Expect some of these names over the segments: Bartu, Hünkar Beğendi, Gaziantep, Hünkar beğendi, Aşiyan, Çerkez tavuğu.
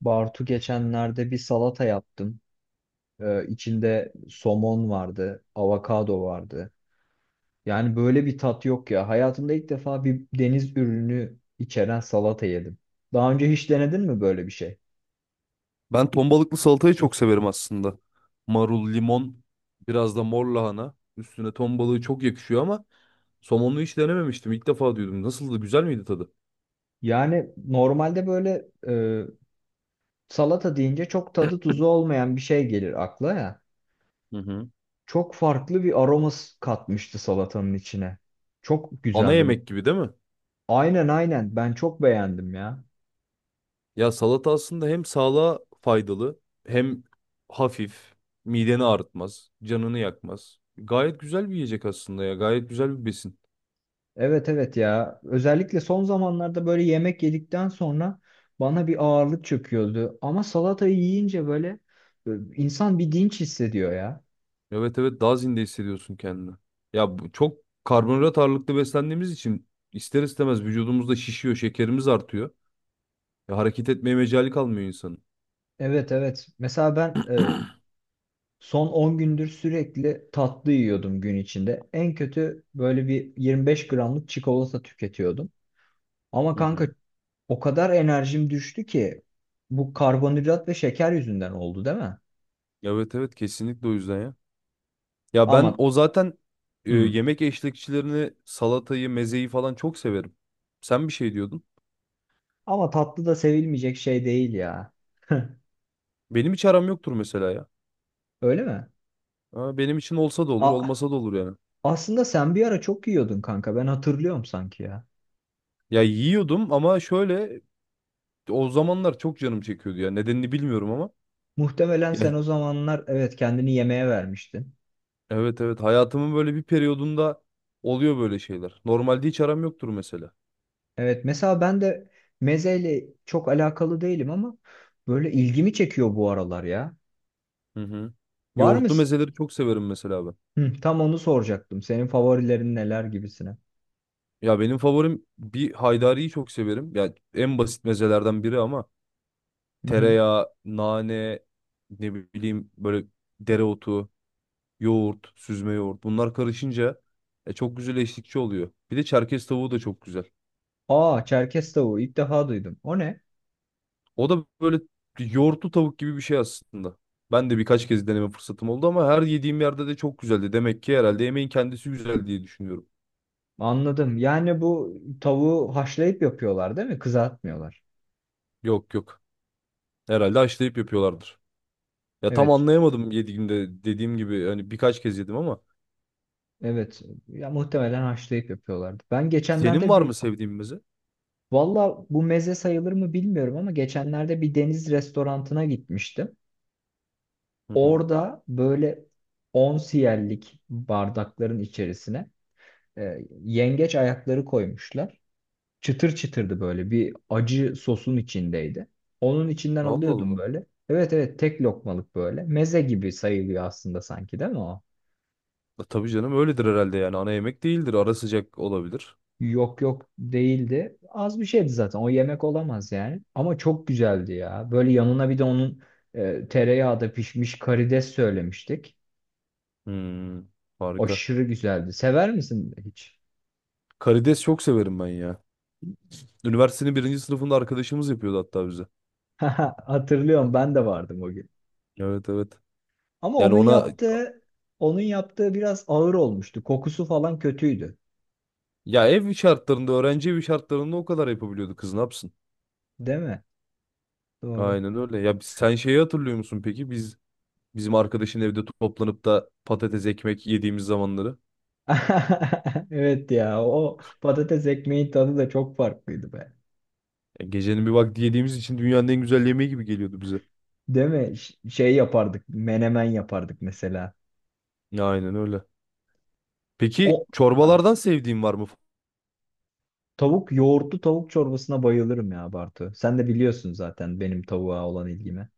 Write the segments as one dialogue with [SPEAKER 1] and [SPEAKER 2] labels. [SPEAKER 1] Bartu, geçenlerde bir salata yaptım. İçinde somon vardı, avokado vardı. Yani böyle bir tat yok ya. Hayatımda ilk defa bir deniz ürünü içeren salata yedim. Daha önce hiç denedin mi böyle bir şey?
[SPEAKER 2] Ben ton balıklı salatayı çok severim aslında. Marul, limon, biraz da mor lahana. Üstüne ton balığı çok yakışıyor ama somonlu hiç denememiştim. İlk defa duydum. Nasıldı? Güzel miydi tadı?
[SPEAKER 1] Yani normalde böyle salata deyince çok tadı tuzu olmayan bir şey gelir akla ya.
[SPEAKER 2] Hı hı.
[SPEAKER 1] Çok farklı bir aroması katmıştı salatanın içine. Çok
[SPEAKER 2] Ana
[SPEAKER 1] güzeldi.
[SPEAKER 2] yemek gibi değil mi?
[SPEAKER 1] Aynen, aynen, ben çok beğendim ya.
[SPEAKER 2] Ya salata aslında hem sağlığa faydalı hem hafif. Mideni ağrıtmaz, canını yakmaz. Gayet güzel bir yiyecek aslında ya. Gayet güzel bir besin.
[SPEAKER 1] Evet, evet, ya. Özellikle son zamanlarda böyle yemek yedikten sonra bana bir ağırlık çöküyordu. Ama salatayı yiyince böyle e, insan bir dinç hissediyor ya.
[SPEAKER 2] Evet evet, daha zinde hissediyorsun kendini. Ya çok karbonhidrat ağırlıklı beslendiğimiz için ister istemez vücudumuzda şişiyor, şekerimiz artıyor. Ya hareket etmeye mecali kalmıyor insanın.
[SPEAKER 1] Evet, evet. Mesela ben son 10 gündür sürekli tatlı yiyordum gün içinde. En kötü böyle bir 25 gramlık çikolata tüketiyordum. Ama
[SPEAKER 2] Hı
[SPEAKER 1] kanka
[SPEAKER 2] hı.
[SPEAKER 1] o kadar enerjim düştü ki bu karbonhidrat ve şeker yüzünden oldu değil mi?
[SPEAKER 2] Evet evet, kesinlikle o yüzden ya. Ya ben
[SPEAKER 1] Ama
[SPEAKER 2] o zaten
[SPEAKER 1] hı.
[SPEAKER 2] yemek eşlikçilerini, salatayı, mezeyi falan çok severim. Sen bir şey diyordun.
[SPEAKER 1] Ama tatlı da sevilmeyecek şey değil ya.
[SPEAKER 2] Benim hiç aram yoktur mesela ya.
[SPEAKER 1] Öyle mi?
[SPEAKER 2] Ha, benim için olsa da olur,
[SPEAKER 1] A-
[SPEAKER 2] olmasa da olur yani.
[SPEAKER 1] Aslında sen bir ara çok yiyordun kanka. Ben hatırlıyorum sanki ya.
[SPEAKER 2] Ya yiyordum ama şöyle o zamanlar çok canım çekiyordu ya. Nedenini bilmiyorum ama.
[SPEAKER 1] Muhtemelen
[SPEAKER 2] Ya
[SPEAKER 1] sen o zamanlar evet kendini yemeğe vermiştin.
[SPEAKER 2] evet evet, hayatımın böyle bir periyodunda oluyor böyle şeyler. Normalde hiç aram yoktur mesela.
[SPEAKER 1] Evet, mesela ben de mezeyle çok alakalı değilim ama böyle ilgimi çekiyor bu aralar ya.
[SPEAKER 2] Hı hı.
[SPEAKER 1] Var mı?
[SPEAKER 2] Yoğurtlu mezeleri çok severim mesela ben.
[SPEAKER 1] Hı, tam onu soracaktım. Senin favorilerin neler gibisine.
[SPEAKER 2] Ya benim favorim bir haydariyi çok severim. Ya en basit mezelerden biri ama
[SPEAKER 1] Hı hı.
[SPEAKER 2] tereyağı, nane, ne bileyim böyle dereotu, yoğurt, süzme yoğurt bunlar karışınca çok güzel eşlikçi oluyor. Bir de Çerkez tavuğu da çok güzel.
[SPEAKER 1] Aa, Çerkez tavuğu ilk defa duydum. O ne?
[SPEAKER 2] O da böyle yoğurtlu tavuk gibi bir şey aslında. Ben de birkaç kez deneme fırsatım oldu ama her yediğim yerde de çok güzeldi. Demek ki herhalde yemeğin kendisi güzel diye düşünüyorum.
[SPEAKER 1] Anladım. Yani bu tavuğu haşlayıp yapıyorlar değil mi? Kızartmıyorlar.
[SPEAKER 2] Yok yok. Herhalde haşlayıp yapıyorlardır. Ya tam
[SPEAKER 1] Evet.
[SPEAKER 2] anlayamadım yediğimde, dediğim gibi hani birkaç kez yedim ama
[SPEAKER 1] Evet. Ya muhtemelen haşlayıp yapıyorlardı. Ben
[SPEAKER 2] senin
[SPEAKER 1] geçenlerde
[SPEAKER 2] var
[SPEAKER 1] bir
[SPEAKER 2] mı sevdiğin meze?
[SPEAKER 1] Valla, bu meze sayılır mı bilmiyorum ama geçenlerde bir deniz restorantına gitmiştim.
[SPEAKER 2] Hı hı.
[SPEAKER 1] Orada böyle 10 siyerlik bardakların içerisine yengeç ayakları koymuşlar. Çıtır çıtırdı, böyle bir acı sosun içindeydi. Onun içinden
[SPEAKER 2] Allah
[SPEAKER 1] alıyordum
[SPEAKER 2] Allah.
[SPEAKER 1] böyle. Evet, evet, tek lokmalık böyle. Meze gibi sayılıyor aslında sanki değil mi o?
[SPEAKER 2] Ya tabii canım, öyledir herhalde, yani ana yemek değildir. Ara sıcak olabilir.
[SPEAKER 1] Yok, yok, değildi. Az bir şeydi zaten. O yemek olamaz yani. Ama çok güzeldi ya. Böyle yanına bir de onun tereyağda pişmiş karides söylemiştik.
[SPEAKER 2] Hmm, harika.
[SPEAKER 1] Aşırı güzeldi. Sever misin hiç?
[SPEAKER 2] Karides çok severim ben ya. Üniversitenin birinci sınıfında arkadaşımız yapıyordu hatta bize.
[SPEAKER 1] Hatırlıyorum, ben de vardım o gün.
[SPEAKER 2] Evet evet.
[SPEAKER 1] Ama
[SPEAKER 2] Yani
[SPEAKER 1] onun
[SPEAKER 2] ona
[SPEAKER 1] yaptığı onun yaptığı biraz ağır olmuştu. Kokusu falan kötüydü.
[SPEAKER 2] Ya ev şartlarında, öğrenci evi şartlarında o kadar yapabiliyordu, kız ne yapsın?
[SPEAKER 1] Değil mi? Doğru.
[SPEAKER 2] Aynen öyle. Ya sen şeyi hatırlıyor musun peki? Biz bizim arkadaşın evde toplanıp da patates ekmek yediğimiz zamanları.
[SPEAKER 1] Evet ya, o patates ekmeğin tadı da çok farklıydı be.
[SPEAKER 2] Ya gecenin bir vakti yediğimiz için dünyanın en güzel yemeği gibi geliyordu bize.
[SPEAKER 1] Değil mi? Şey yapardık, menemen yapardık mesela.
[SPEAKER 2] Aynen öyle.
[SPEAKER 1] O
[SPEAKER 2] Peki
[SPEAKER 1] ha.
[SPEAKER 2] çorbalardan sevdiğin var mı?
[SPEAKER 1] Yoğurtlu tavuk çorbasına bayılırım ya Bartu. Sen de biliyorsun zaten benim tavuğa olan ilgimi.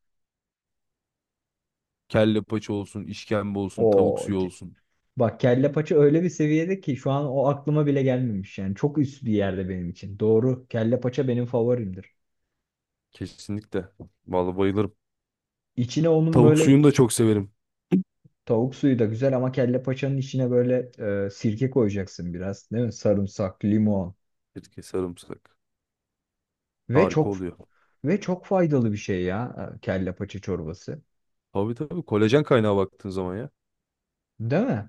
[SPEAKER 2] Kelle paça olsun, işkembe olsun, tavuk
[SPEAKER 1] O
[SPEAKER 2] suyu olsun.
[SPEAKER 1] Bak, kelle paça öyle bir seviyede ki şu an o aklıma bile gelmemiş yani. Çok üst bir yerde benim için. Doğru. Kelle paça benim favorimdir.
[SPEAKER 2] Kesinlikle. Vallahi bayılırım.
[SPEAKER 1] İçine onun
[SPEAKER 2] Tavuk
[SPEAKER 1] böyle
[SPEAKER 2] suyunu da çok severim.
[SPEAKER 1] Tavuk suyu da güzel ama kelle paçanın içine böyle sirke koyacaksın biraz, değil mi? Sarımsak, limon
[SPEAKER 2] Sirke, sarımsak.
[SPEAKER 1] ve
[SPEAKER 2] Harika
[SPEAKER 1] çok
[SPEAKER 2] oluyor.
[SPEAKER 1] ve çok faydalı bir şey ya, kelle paça çorbası.
[SPEAKER 2] Tabii tabii, kolajen kaynağı baktığın zaman ya.
[SPEAKER 1] Değil mi?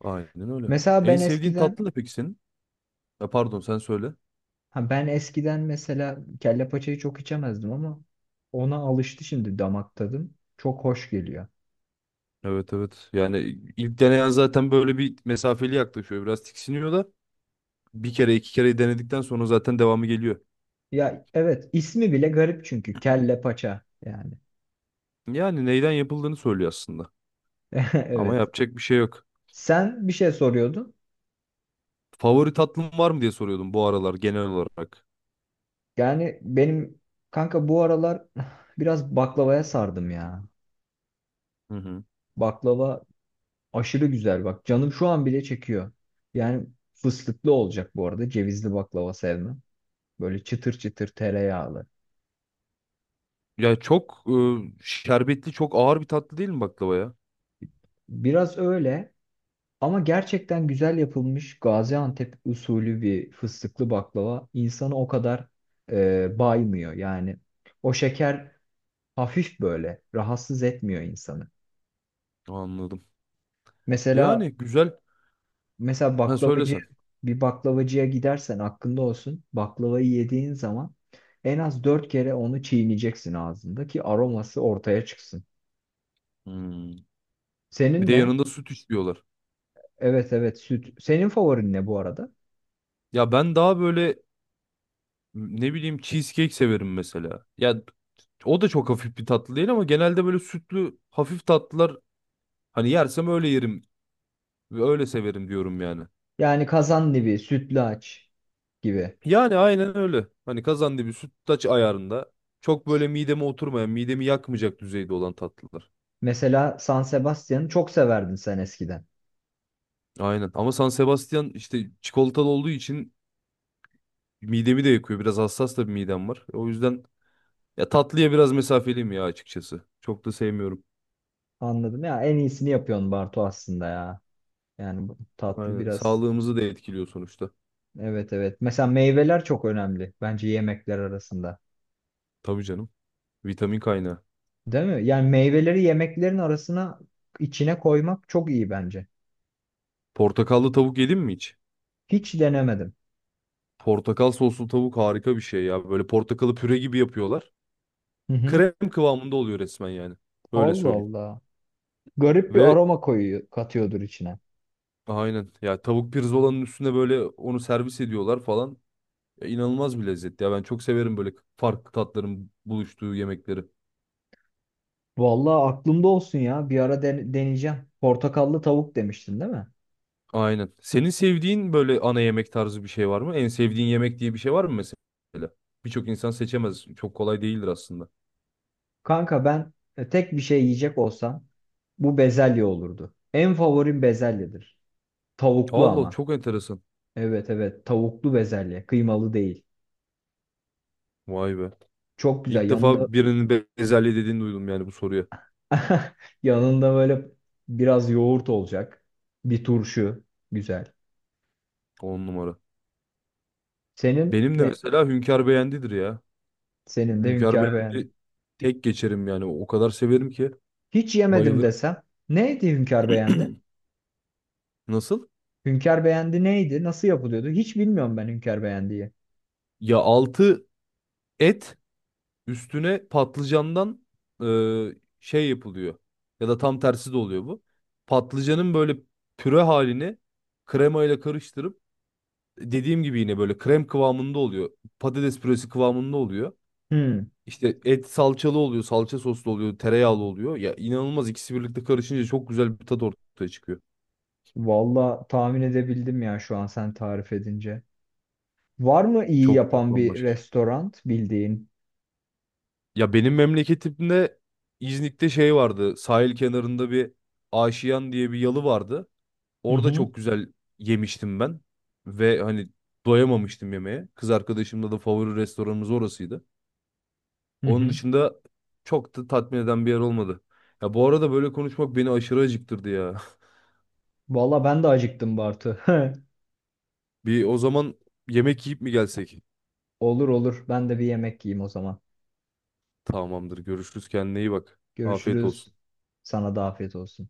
[SPEAKER 2] Aynen öyle.
[SPEAKER 1] Mesela
[SPEAKER 2] En
[SPEAKER 1] ben
[SPEAKER 2] sevdiğin
[SPEAKER 1] eskiden
[SPEAKER 2] tatlı ne peki senin? Ha, pardon, sen söyle.
[SPEAKER 1] Ha, ben eskiden mesela kelle paçayı çok içemezdim ama ona alıştı şimdi damak tadım. Çok hoş geliyor.
[SPEAKER 2] Evet evet. Yani ilk deneyen zaten böyle bir mesafeli yaklaşıyor. Biraz tiksiniyor da bir kere iki kere denedikten sonra zaten devamı geliyor.
[SPEAKER 1] Ya evet, ismi bile garip çünkü kelle paça yani.
[SPEAKER 2] Yani neyden yapıldığını söylüyor aslında. Ama
[SPEAKER 1] Evet.
[SPEAKER 2] yapacak bir şey yok.
[SPEAKER 1] Sen bir şey soruyordun.
[SPEAKER 2] Favori tatlım var mı diye soruyordum bu aralar genel olarak.
[SPEAKER 1] Yani benim kanka bu aralar biraz baklavaya sardım ya.
[SPEAKER 2] Hı hı.
[SPEAKER 1] Baklava aşırı güzel bak. Canım şu an bile çekiyor. Yani fıstıklı olacak bu arada. Cevizli baklava sevmem. Böyle çıtır çıtır tereyağlı.
[SPEAKER 2] Ya çok şerbetli, çok ağır bir tatlı değil mi baklava ya?
[SPEAKER 1] Biraz öyle. Ama gerçekten güzel yapılmış Gaziantep usulü bir fıstıklı baklava insanı o kadar baymıyor. Yani o şeker hafif böyle rahatsız etmiyor insanı.
[SPEAKER 2] Anladım. Yani
[SPEAKER 1] Mesela
[SPEAKER 2] güzel.
[SPEAKER 1] mesela
[SPEAKER 2] Ben söylesen.
[SPEAKER 1] bir baklavacıya gidersen aklında olsun, baklavayı yediğin zaman en az 4 kere onu çiğneyeceksin ağzında ki aroması ortaya çıksın.
[SPEAKER 2] Hmm. Bir
[SPEAKER 1] Senin
[SPEAKER 2] de
[SPEAKER 1] ne?
[SPEAKER 2] yanında süt istiyorlar.
[SPEAKER 1] Evet, evet, süt. Senin favorin ne bu arada?
[SPEAKER 2] Ya ben daha böyle ne bileyim, cheesecake severim mesela. Ya o da çok hafif bir tatlı değil ama genelde böyle sütlü hafif tatlılar, hani yersem öyle yerim ve öyle severim diyorum yani.
[SPEAKER 1] Yani kazandibi, sütlaç gibi.
[SPEAKER 2] Yani aynen öyle. Hani kazandibi sütlaç ayarında, çok böyle mideme oturmayan, midemi yakmayacak düzeyde olan tatlılar.
[SPEAKER 1] Mesela San Sebastian'ı çok severdin sen eskiden.
[SPEAKER 2] Aynen. Ama San Sebastian işte çikolatalı olduğu için midemi de yakıyor. Biraz hassas da bir midem var. O yüzden ya tatlıya biraz mesafeliyim ya, açıkçası. Çok da sevmiyorum.
[SPEAKER 1] Anladım, ya en iyisini yapıyorsun Bartu aslında ya. Yani bu tatlı
[SPEAKER 2] Aynen.
[SPEAKER 1] biraz.
[SPEAKER 2] Sağlığımızı da etkiliyor sonuçta.
[SPEAKER 1] Evet, evet. Mesela meyveler çok önemli bence yemekler arasında.
[SPEAKER 2] Tabii canım. Vitamin kaynağı.
[SPEAKER 1] Değil mi? Yani meyveleri yemeklerin arasına, içine koymak çok iyi bence.
[SPEAKER 2] Portakallı tavuk yedin mi hiç?
[SPEAKER 1] Hiç denemedim.
[SPEAKER 2] Portakal soslu tavuk harika bir şey ya. Böyle portakalı püre gibi yapıyorlar.
[SPEAKER 1] Hı hı.
[SPEAKER 2] Krem kıvamında oluyor resmen yani. Öyle
[SPEAKER 1] Allah
[SPEAKER 2] söyleyeyim.
[SPEAKER 1] Allah. Garip bir
[SPEAKER 2] Ve
[SPEAKER 1] aroma koyuyor, katıyordur içine.
[SPEAKER 2] aynen ya, tavuk pirzolanın üstüne böyle onu servis ediyorlar falan. Ya inanılmaz bir lezzet ya. Ben çok severim böyle farklı tatların buluştuğu yemekleri.
[SPEAKER 1] Vallahi aklımda olsun ya. Bir ara deneyeceğim. Portakallı tavuk demiştin değil mi?
[SPEAKER 2] Aynen. Senin sevdiğin böyle ana yemek tarzı bir şey var mı? En sevdiğin yemek diye bir şey var mı mesela? Birçok insan seçemez. Çok kolay değildir aslında.
[SPEAKER 1] Kanka ben tek bir şey yiyecek olsam bu bezelye olurdu. En favorim bezelyedir. Tavuklu
[SPEAKER 2] Allah,
[SPEAKER 1] ama.
[SPEAKER 2] çok enteresan.
[SPEAKER 1] Evet, evet, tavuklu bezelye. Kıymalı değil.
[SPEAKER 2] Vay be.
[SPEAKER 1] Çok güzel.
[SPEAKER 2] İlk
[SPEAKER 1] Yanında
[SPEAKER 2] defa birinin bezelye dediğini duydum yani bu soruya.
[SPEAKER 1] yanında böyle biraz yoğurt olacak. Bir turşu. Güzel.
[SPEAKER 2] On numara.
[SPEAKER 1] Senin
[SPEAKER 2] Benim de
[SPEAKER 1] ne?
[SPEAKER 2] mesela Hünkar Beğendi'dir ya.
[SPEAKER 1] Senin de
[SPEAKER 2] Hünkar
[SPEAKER 1] Hünkar Beğendi.
[SPEAKER 2] Beğendi tek geçerim yani. O kadar severim ki
[SPEAKER 1] Hiç yemedim
[SPEAKER 2] bayılırım.
[SPEAKER 1] desem. Neydi Hünkar Beğendi?
[SPEAKER 2] Nasıl?
[SPEAKER 1] Hünkar Beğendi neydi? Nasıl yapılıyordu? Hiç bilmiyorum ben Hünkar Beğendiği.
[SPEAKER 2] Ya altı et, üstüne patlıcandan e, şey yapılıyor. Ya da tam tersi de oluyor bu. Patlıcanın böyle püre halini kremayla karıştırıp, dediğim gibi yine böyle krem kıvamında oluyor. Patates püresi kıvamında oluyor.
[SPEAKER 1] Hmm.
[SPEAKER 2] İşte et salçalı oluyor, salça soslu oluyor, tereyağlı oluyor. Ya inanılmaz, ikisi birlikte karışınca çok güzel bir tat ortaya çıkıyor.
[SPEAKER 1] Valla tahmin edebildim ya şu an sen tarif edince. Var mı iyi
[SPEAKER 2] Çok çok
[SPEAKER 1] yapan bir
[SPEAKER 2] bambaşka şey.
[SPEAKER 1] restoran bildiğin?
[SPEAKER 2] Ya benim memleketimde, İznik'te şey vardı. Sahil kenarında bir Aşiyan diye bir yalı vardı.
[SPEAKER 1] Hı
[SPEAKER 2] Orada
[SPEAKER 1] hı.
[SPEAKER 2] çok güzel yemiştim ben. Ve hani doyamamıştım yemeğe. Kız arkadaşımla da favori restoranımız orasıydı.
[SPEAKER 1] Hı
[SPEAKER 2] Onun
[SPEAKER 1] hı.
[SPEAKER 2] dışında çok da tatmin eden bir yer olmadı. Ya bu arada böyle konuşmak beni aşırı acıktırdı ya.
[SPEAKER 1] Valla ben de acıktım Bartu.
[SPEAKER 2] Bir o zaman yemek yiyip mi gelsek?
[SPEAKER 1] Olur, olur. Ben de bir yemek yiyeyim o zaman.
[SPEAKER 2] Tamamdır. Görüşürüz. Kendine iyi bak. Afiyet
[SPEAKER 1] Görüşürüz.
[SPEAKER 2] olsun.
[SPEAKER 1] Sana da afiyet olsun.